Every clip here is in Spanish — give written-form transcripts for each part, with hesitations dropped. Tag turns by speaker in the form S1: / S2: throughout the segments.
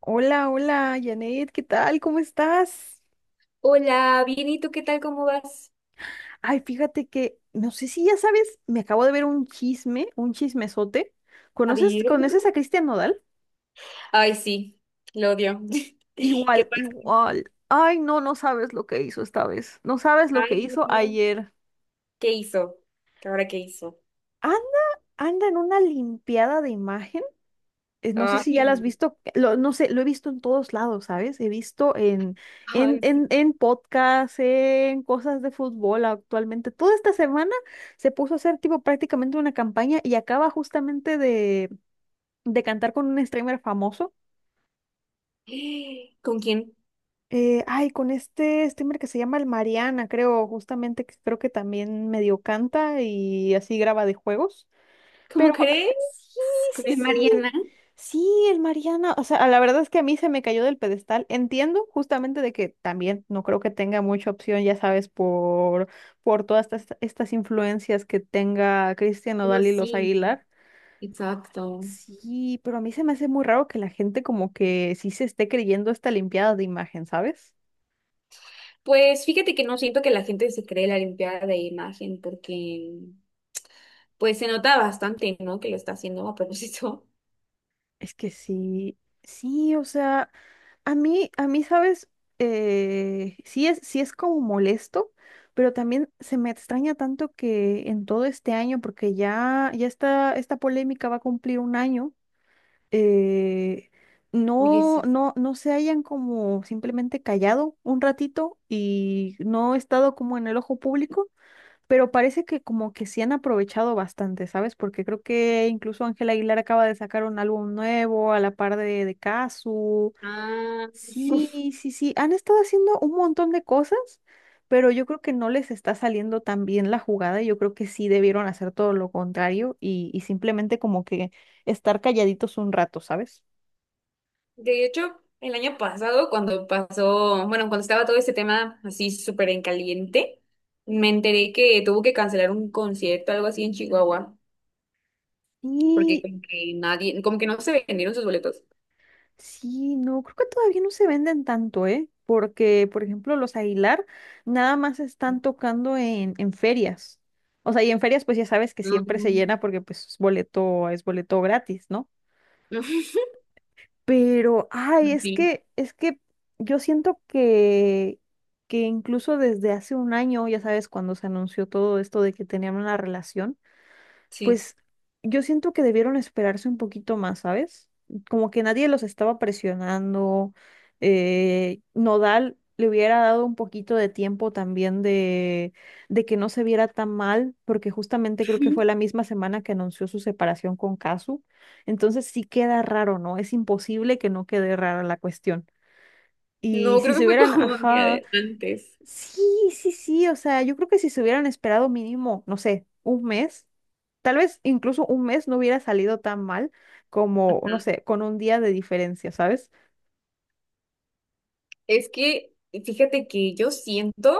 S1: Hola, hola, Janet, ¿qué tal? ¿Cómo estás?
S2: Hola, bien, ¿y tú qué tal? ¿Cómo vas?
S1: Ay, fíjate que, no sé si ya sabes, me acabo de ver un chisme, un chismesote.
S2: A
S1: ¿Conoces,
S2: ver.
S1: conoces a Cristian Nodal?
S2: Ay, sí, lo odio. ¿Qué
S1: Igual,
S2: pasó?
S1: igual. Ay, no, no sabes lo que hizo esta vez. No sabes lo que
S2: Ay,
S1: hizo
S2: no.
S1: ayer.
S2: ¿Qué hizo? ¿Qué ahora qué hizo?
S1: Anda, anda en una limpiada de imagen. No sé si
S2: Ay,
S1: ya las has
S2: no.
S1: visto, no sé, lo he visto en todos lados, ¿sabes? He visto
S2: Ay,
S1: en podcasts, en cosas de fútbol actualmente. Toda esta semana se puso a hacer tipo prácticamente una campaña y acaba justamente de cantar con un streamer famoso.
S2: sí. ¿Con quién?
S1: Ay, con este streamer que se llama el Mariana, creo, justamente, que creo que también medio canta y así graba de juegos.
S2: ¿Cómo
S1: Pero
S2: crees?
S1: sí,
S2: ¿Con
S1: sí,
S2: el
S1: sí.
S2: Mariana?
S1: Sí, el Mariana. O sea, la verdad es que a mí se me cayó del pedestal. Entiendo justamente de que también no creo que tenga mucha opción, ya sabes, por todas estas influencias que tenga Cristian
S2: No,
S1: Nodal y los
S2: sí,
S1: Aguilar.
S2: exacto.
S1: Sí, pero a mí se me hace muy raro que la gente como que sí se esté creyendo esta limpiada de imagen, ¿sabes?
S2: Pues fíjate que no siento que la gente se cree la limpiada de imagen porque pues se nota bastante, ¿no? Que lo está haciendo a propósito.
S1: Es que sí, sí, o sea. Sabes, sí es como molesto, pero también se me extraña tanto que en todo este año, porque ya, ya está, esta polémica va a cumplir un año, eh,
S2: Oye, sí.
S1: no se hayan como simplemente callado un ratito y no he estado como en el ojo público, pero parece que como que se han aprovechado bastante, ¿sabes? Porque creo que incluso Ángela Aguilar acaba de sacar un álbum nuevo a la par de Cazzu.
S2: Ah.
S1: Sí, sí, sí. Han estado haciendo un montón de cosas, pero yo creo que no les está saliendo tan bien la jugada. Yo creo que sí debieron hacer todo lo contrario y simplemente como que estar calladitos un rato, ¿sabes?
S2: De hecho, el año pasado, cuando pasó, bueno, cuando estaba todo este tema así súper en caliente, me enteré que tuvo que cancelar un concierto, algo así en Chihuahua, porque
S1: Y
S2: como que nadie, como que no se vendieron sus boletos.
S1: sí, no, creo que todavía no se venden tanto, ¿eh? Porque, por ejemplo, los Aguilar nada más están tocando en ferias. O sea, y en ferias pues ya sabes que siempre se
S2: No,
S1: llena porque pues es boleto gratis, ¿no?
S2: no.
S1: Pero, ay, es
S2: Sí,
S1: que, es que yo siento que incluso desde hace un año, ya sabes, cuando se anunció todo esto de que tenían una relación,
S2: sí.
S1: pues yo siento que debieron esperarse un poquito más, ¿sabes? Como que nadie los estaba presionando. Nodal le hubiera dado un poquito de tiempo también de que no se viera tan mal, porque justamente creo que fue la misma semana que anunció su separación con Casu. Entonces sí queda raro, ¿no? Es imposible que no quede rara la cuestión. Y
S2: No,
S1: si
S2: creo que
S1: se
S2: fue
S1: hubieran,
S2: como un día
S1: ajá,
S2: de antes.
S1: sí, sí, sí, o sea, yo creo que si se hubieran esperado mínimo, no sé, un mes, tal vez incluso un mes no hubiera salido tan mal como, no
S2: Ajá.
S1: sé, con un día de diferencia, ¿sabes?
S2: Es que, fíjate que yo siento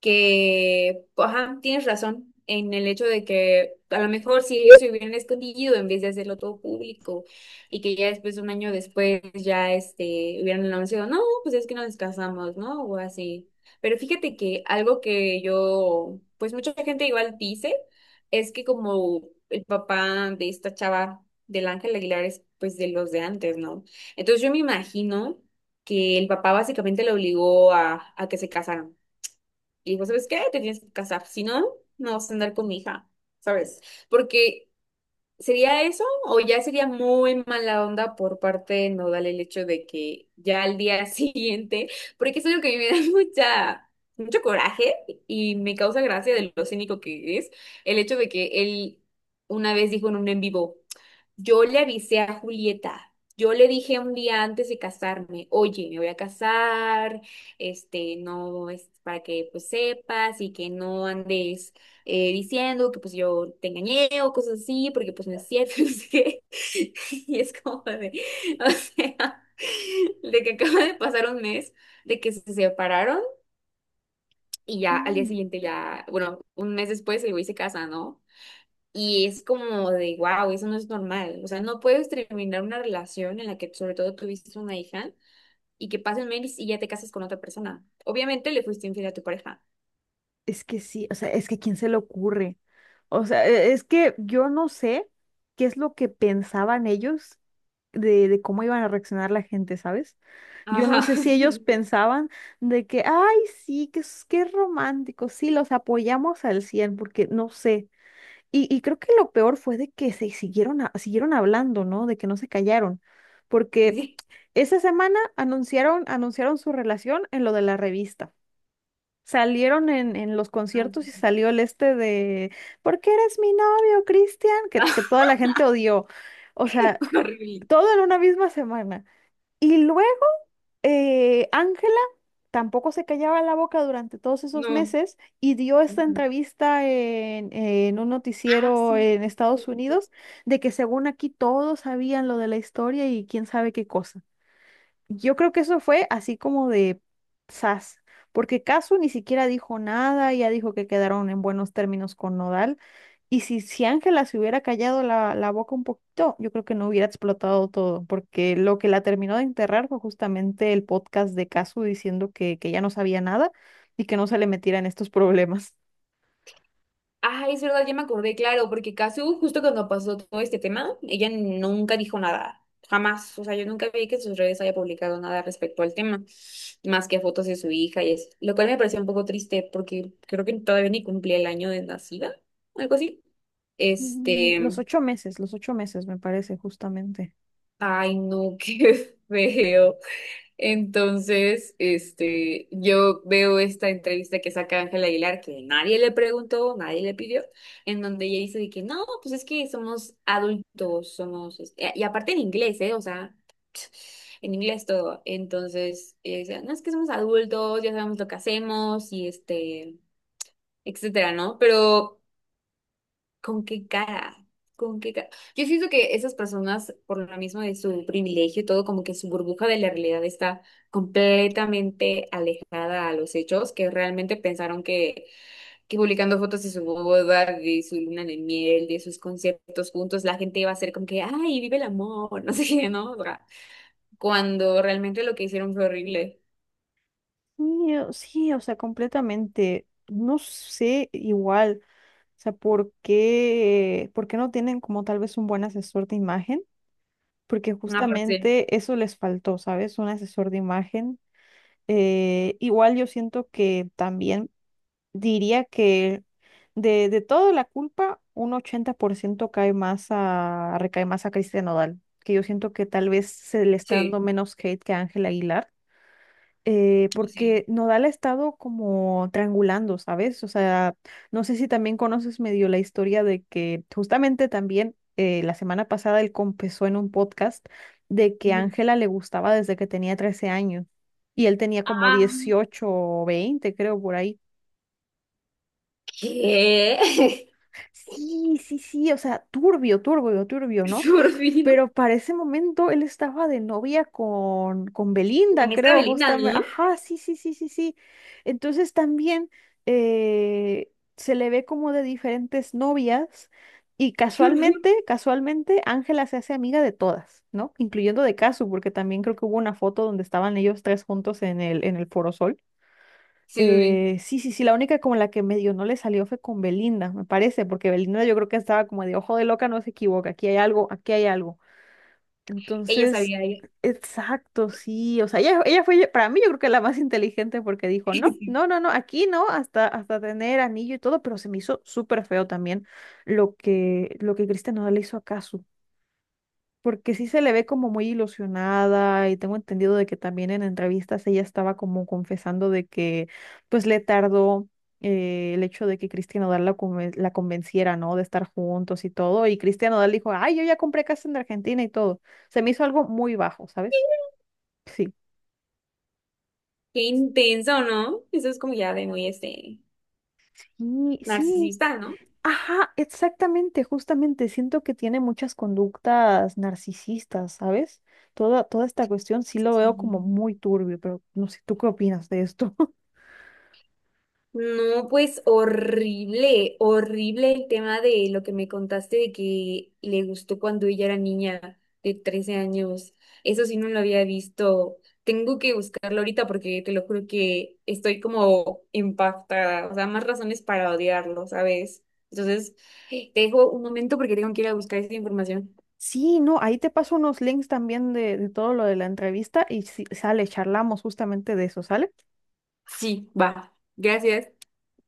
S2: que, pues, ajá, tienes razón en el hecho de que a lo mejor si ellos se hubieran escondido en vez de hacerlo todo público y que ya después, un año después, ya este, hubieran anunciado, no, pues es que nos casamos, ¿no? O así. Pero fíjate que algo que yo, pues mucha gente igual dice, es que como el papá de esta chava, del Ángel Aguilar, es pues de los de antes, ¿no? Entonces yo me imagino que el papá básicamente le obligó a que se casaran y dijo, ¿sabes qué? Te tienes que casar, si no, no vas a andar con mi hija, ¿sabes? Porque sería eso o ya sería muy mala onda por parte de Nodal el hecho de que ya al día siguiente, porque es algo que a mí me da mucha, mucho coraje y me causa gracia de lo cínico que es, el hecho de que él una vez dijo en un en vivo. Yo le avisé a Julieta. Yo le dije un día antes de casarme, oye, me voy a casar, este, no, es para que pues sepas y que no andes diciendo que pues yo te engañé o cosas así, porque pues no es cierto, no sé qué". Y es como de, o sea, de que acaba de pasar un mes, de que se separaron y ya al día
S1: Mm.
S2: siguiente ya, bueno, un mes después el güey se casa, ¿no? Y es como de, wow, eso no es normal. O sea, no puedes terminar una relación en la que sobre todo tuviste una hija y que pasen meses y ya te casas con otra persona. Obviamente le fuiste infiel a tu pareja.
S1: Es que sí, o sea, es que ¿quién se le ocurre? O sea, es que yo no sé qué es lo que pensaban ellos de cómo iban a reaccionar la gente, ¿sabes? Yo no
S2: Ajá.
S1: sé si ellos pensaban de que, ay, sí, que es romántico, sí, los apoyamos al 100 porque no sé. Y creo que lo peor fue de que se siguieron, siguieron hablando, ¿no? De que no se callaron, porque
S2: Sí.
S1: esa semana anunciaron su relación en lo de la revista. Salieron en los
S2: Ah,
S1: conciertos y salió el este de, ¿por qué eres mi novio, Cristian? Que toda la gente odió. O
S2: sí.
S1: sea,
S2: Horrible.
S1: todo en una misma semana. Y luego Ángela tampoco se callaba la boca durante todos esos
S2: No.
S1: meses y dio esta
S2: Ujú.
S1: entrevista en un
S2: Ah,
S1: noticiero
S2: sí.
S1: en Estados Unidos de que según aquí todos sabían lo de la historia y quién sabe qué cosa. Yo creo que eso fue así como de sas, porque Casu ni siquiera dijo nada, ya dijo que quedaron en buenos términos con Nodal y si, si Ángela se hubiera callado la, la boca un poquito, yo creo que no hubiera explotado todo, porque lo que la terminó de enterrar fue justamente el podcast de Casu diciendo que ya no sabía nada y que no se le metiera en estos problemas.
S2: Ay, es verdad, ya me acordé, claro, porque Casu, justo cuando pasó todo este tema, ella nunca dijo nada, jamás. O sea, yo nunca vi que en sus redes haya publicado nada respecto al tema, más que fotos de su hija y eso. Lo cual me pareció un poco triste porque creo que todavía ni cumplía el año de nacida, algo así.
S1: Sí,
S2: Este,
S1: los 8 meses, los ocho meses me parece justamente.
S2: ay, no, qué feo. Entonces, este, yo veo esta entrevista que saca Ángela Aguilar, que nadie le preguntó, nadie le pidió, en donde ella dice de que no, pues es que somos adultos, somos, es- y aparte en inglés, ¿eh? O sea, en inglés todo. Entonces, ella decía, no es que somos adultos, ya sabemos lo que hacemos y este, etcétera, ¿no? Pero ¿con qué cara? ¿Con qué cara? Yo siento que esas personas, por lo mismo de su privilegio y todo, como que su burbuja de la realidad está completamente alejada a los hechos, que realmente pensaron que publicando fotos de su boda, de su luna de miel, de sus conciertos juntos, la gente iba a ser como que, ay, vive el amor, no sé qué, ¿no? O sea, cuando realmente lo que hicieron fue horrible.
S1: Sí, sí, o sea, completamente. No sé igual, o sea, por qué no tienen como tal vez un buen asesor de imagen? Porque
S2: Aparte,
S1: justamente eso les faltó, ¿sabes? Un asesor de imagen. Igual yo siento que también diría que de toda la culpa, un 80% cae más a, recae más a Cristian Nodal, que yo siento que tal vez se le está dando
S2: sí,
S1: menos hate que a Ángel Aguilar, porque
S2: sí.
S1: Nodal ha estado como triangulando, ¿sabes? O sea, no sé si también conoces medio la historia de que justamente también la semana pasada él confesó en un podcast de que
S2: Ujú.
S1: Ángela le gustaba desde que tenía 13 años y él tenía como
S2: Ah,
S1: 18 o 20, creo, por ahí.
S2: ¿qué?
S1: Sí, sí, sí, o sea, turbio, turbio, turbio,
S2: Es
S1: ¿no? Pero para ese momento él estaba de novia con
S2: con
S1: Belinda,
S2: esta
S1: creo,
S2: Belina,
S1: justamente.
S2: ¿no?
S1: Ajá, sí, sí, sí, sí, sí. Entonces también eh, se le ve como de diferentes novias y
S2: Qué horror.
S1: casualmente, casualmente, Ángela se hace amiga de todas, ¿no? Incluyendo de Casu, porque también creo que hubo una foto donde estaban ellos tres juntos en el Foro Sol.
S2: Sí, sí, sí.
S1: Sí, sí, sí, la única como la que medio no le salió fue con Belinda, me parece, porque Belinda yo creo que estaba como de ojo de loca, no se equivoca, aquí hay algo, aquí hay algo.
S2: Ella
S1: Entonces,
S2: sabía, ella-
S1: exacto, sí. O sea, ella fue, para mí yo creo que la más inteligente porque dijo, no, no, no, no, aquí no, hasta, hasta tener anillo y todo, pero se me hizo súper feo también lo que Cristian no le hizo acaso porque sí se le ve como muy ilusionada y tengo entendido de que también en entrevistas ella estaba como confesando de que pues le tardó el hecho de que Cristian Nodal la convenciera, ¿no? De estar juntos y todo. Y Cristian Nodal dijo, ay, yo ya compré casa en Argentina y todo. Se me hizo algo muy bajo, ¿sabes? Sí.
S2: qué intenso, ¿no? Eso es como ya de muy, este,
S1: Sí, sí.
S2: narcisista, ¿no?
S1: Ajá, exactamente, justamente. Siento que tiene muchas conductas narcisistas, ¿sabes? Toda, toda esta cuestión sí lo veo como muy turbio, pero no sé, ¿tú qué opinas de esto?
S2: No, pues horrible, horrible el tema de lo que me contaste de que le gustó cuando ella era niña de 13 años. Eso sí no lo había visto. Tengo que buscarlo ahorita porque te lo juro que estoy como impactada. O sea, más razones para odiarlo, ¿sabes? Entonces, te dejo un momento porque tengo que ir a buscar esa información.
S1: Sí, no, ahí te paso unos links también de todo lo de la entrevista y si sale, charlamos justamente de eso, ¿sale?
S2: Sí, va. Gracias.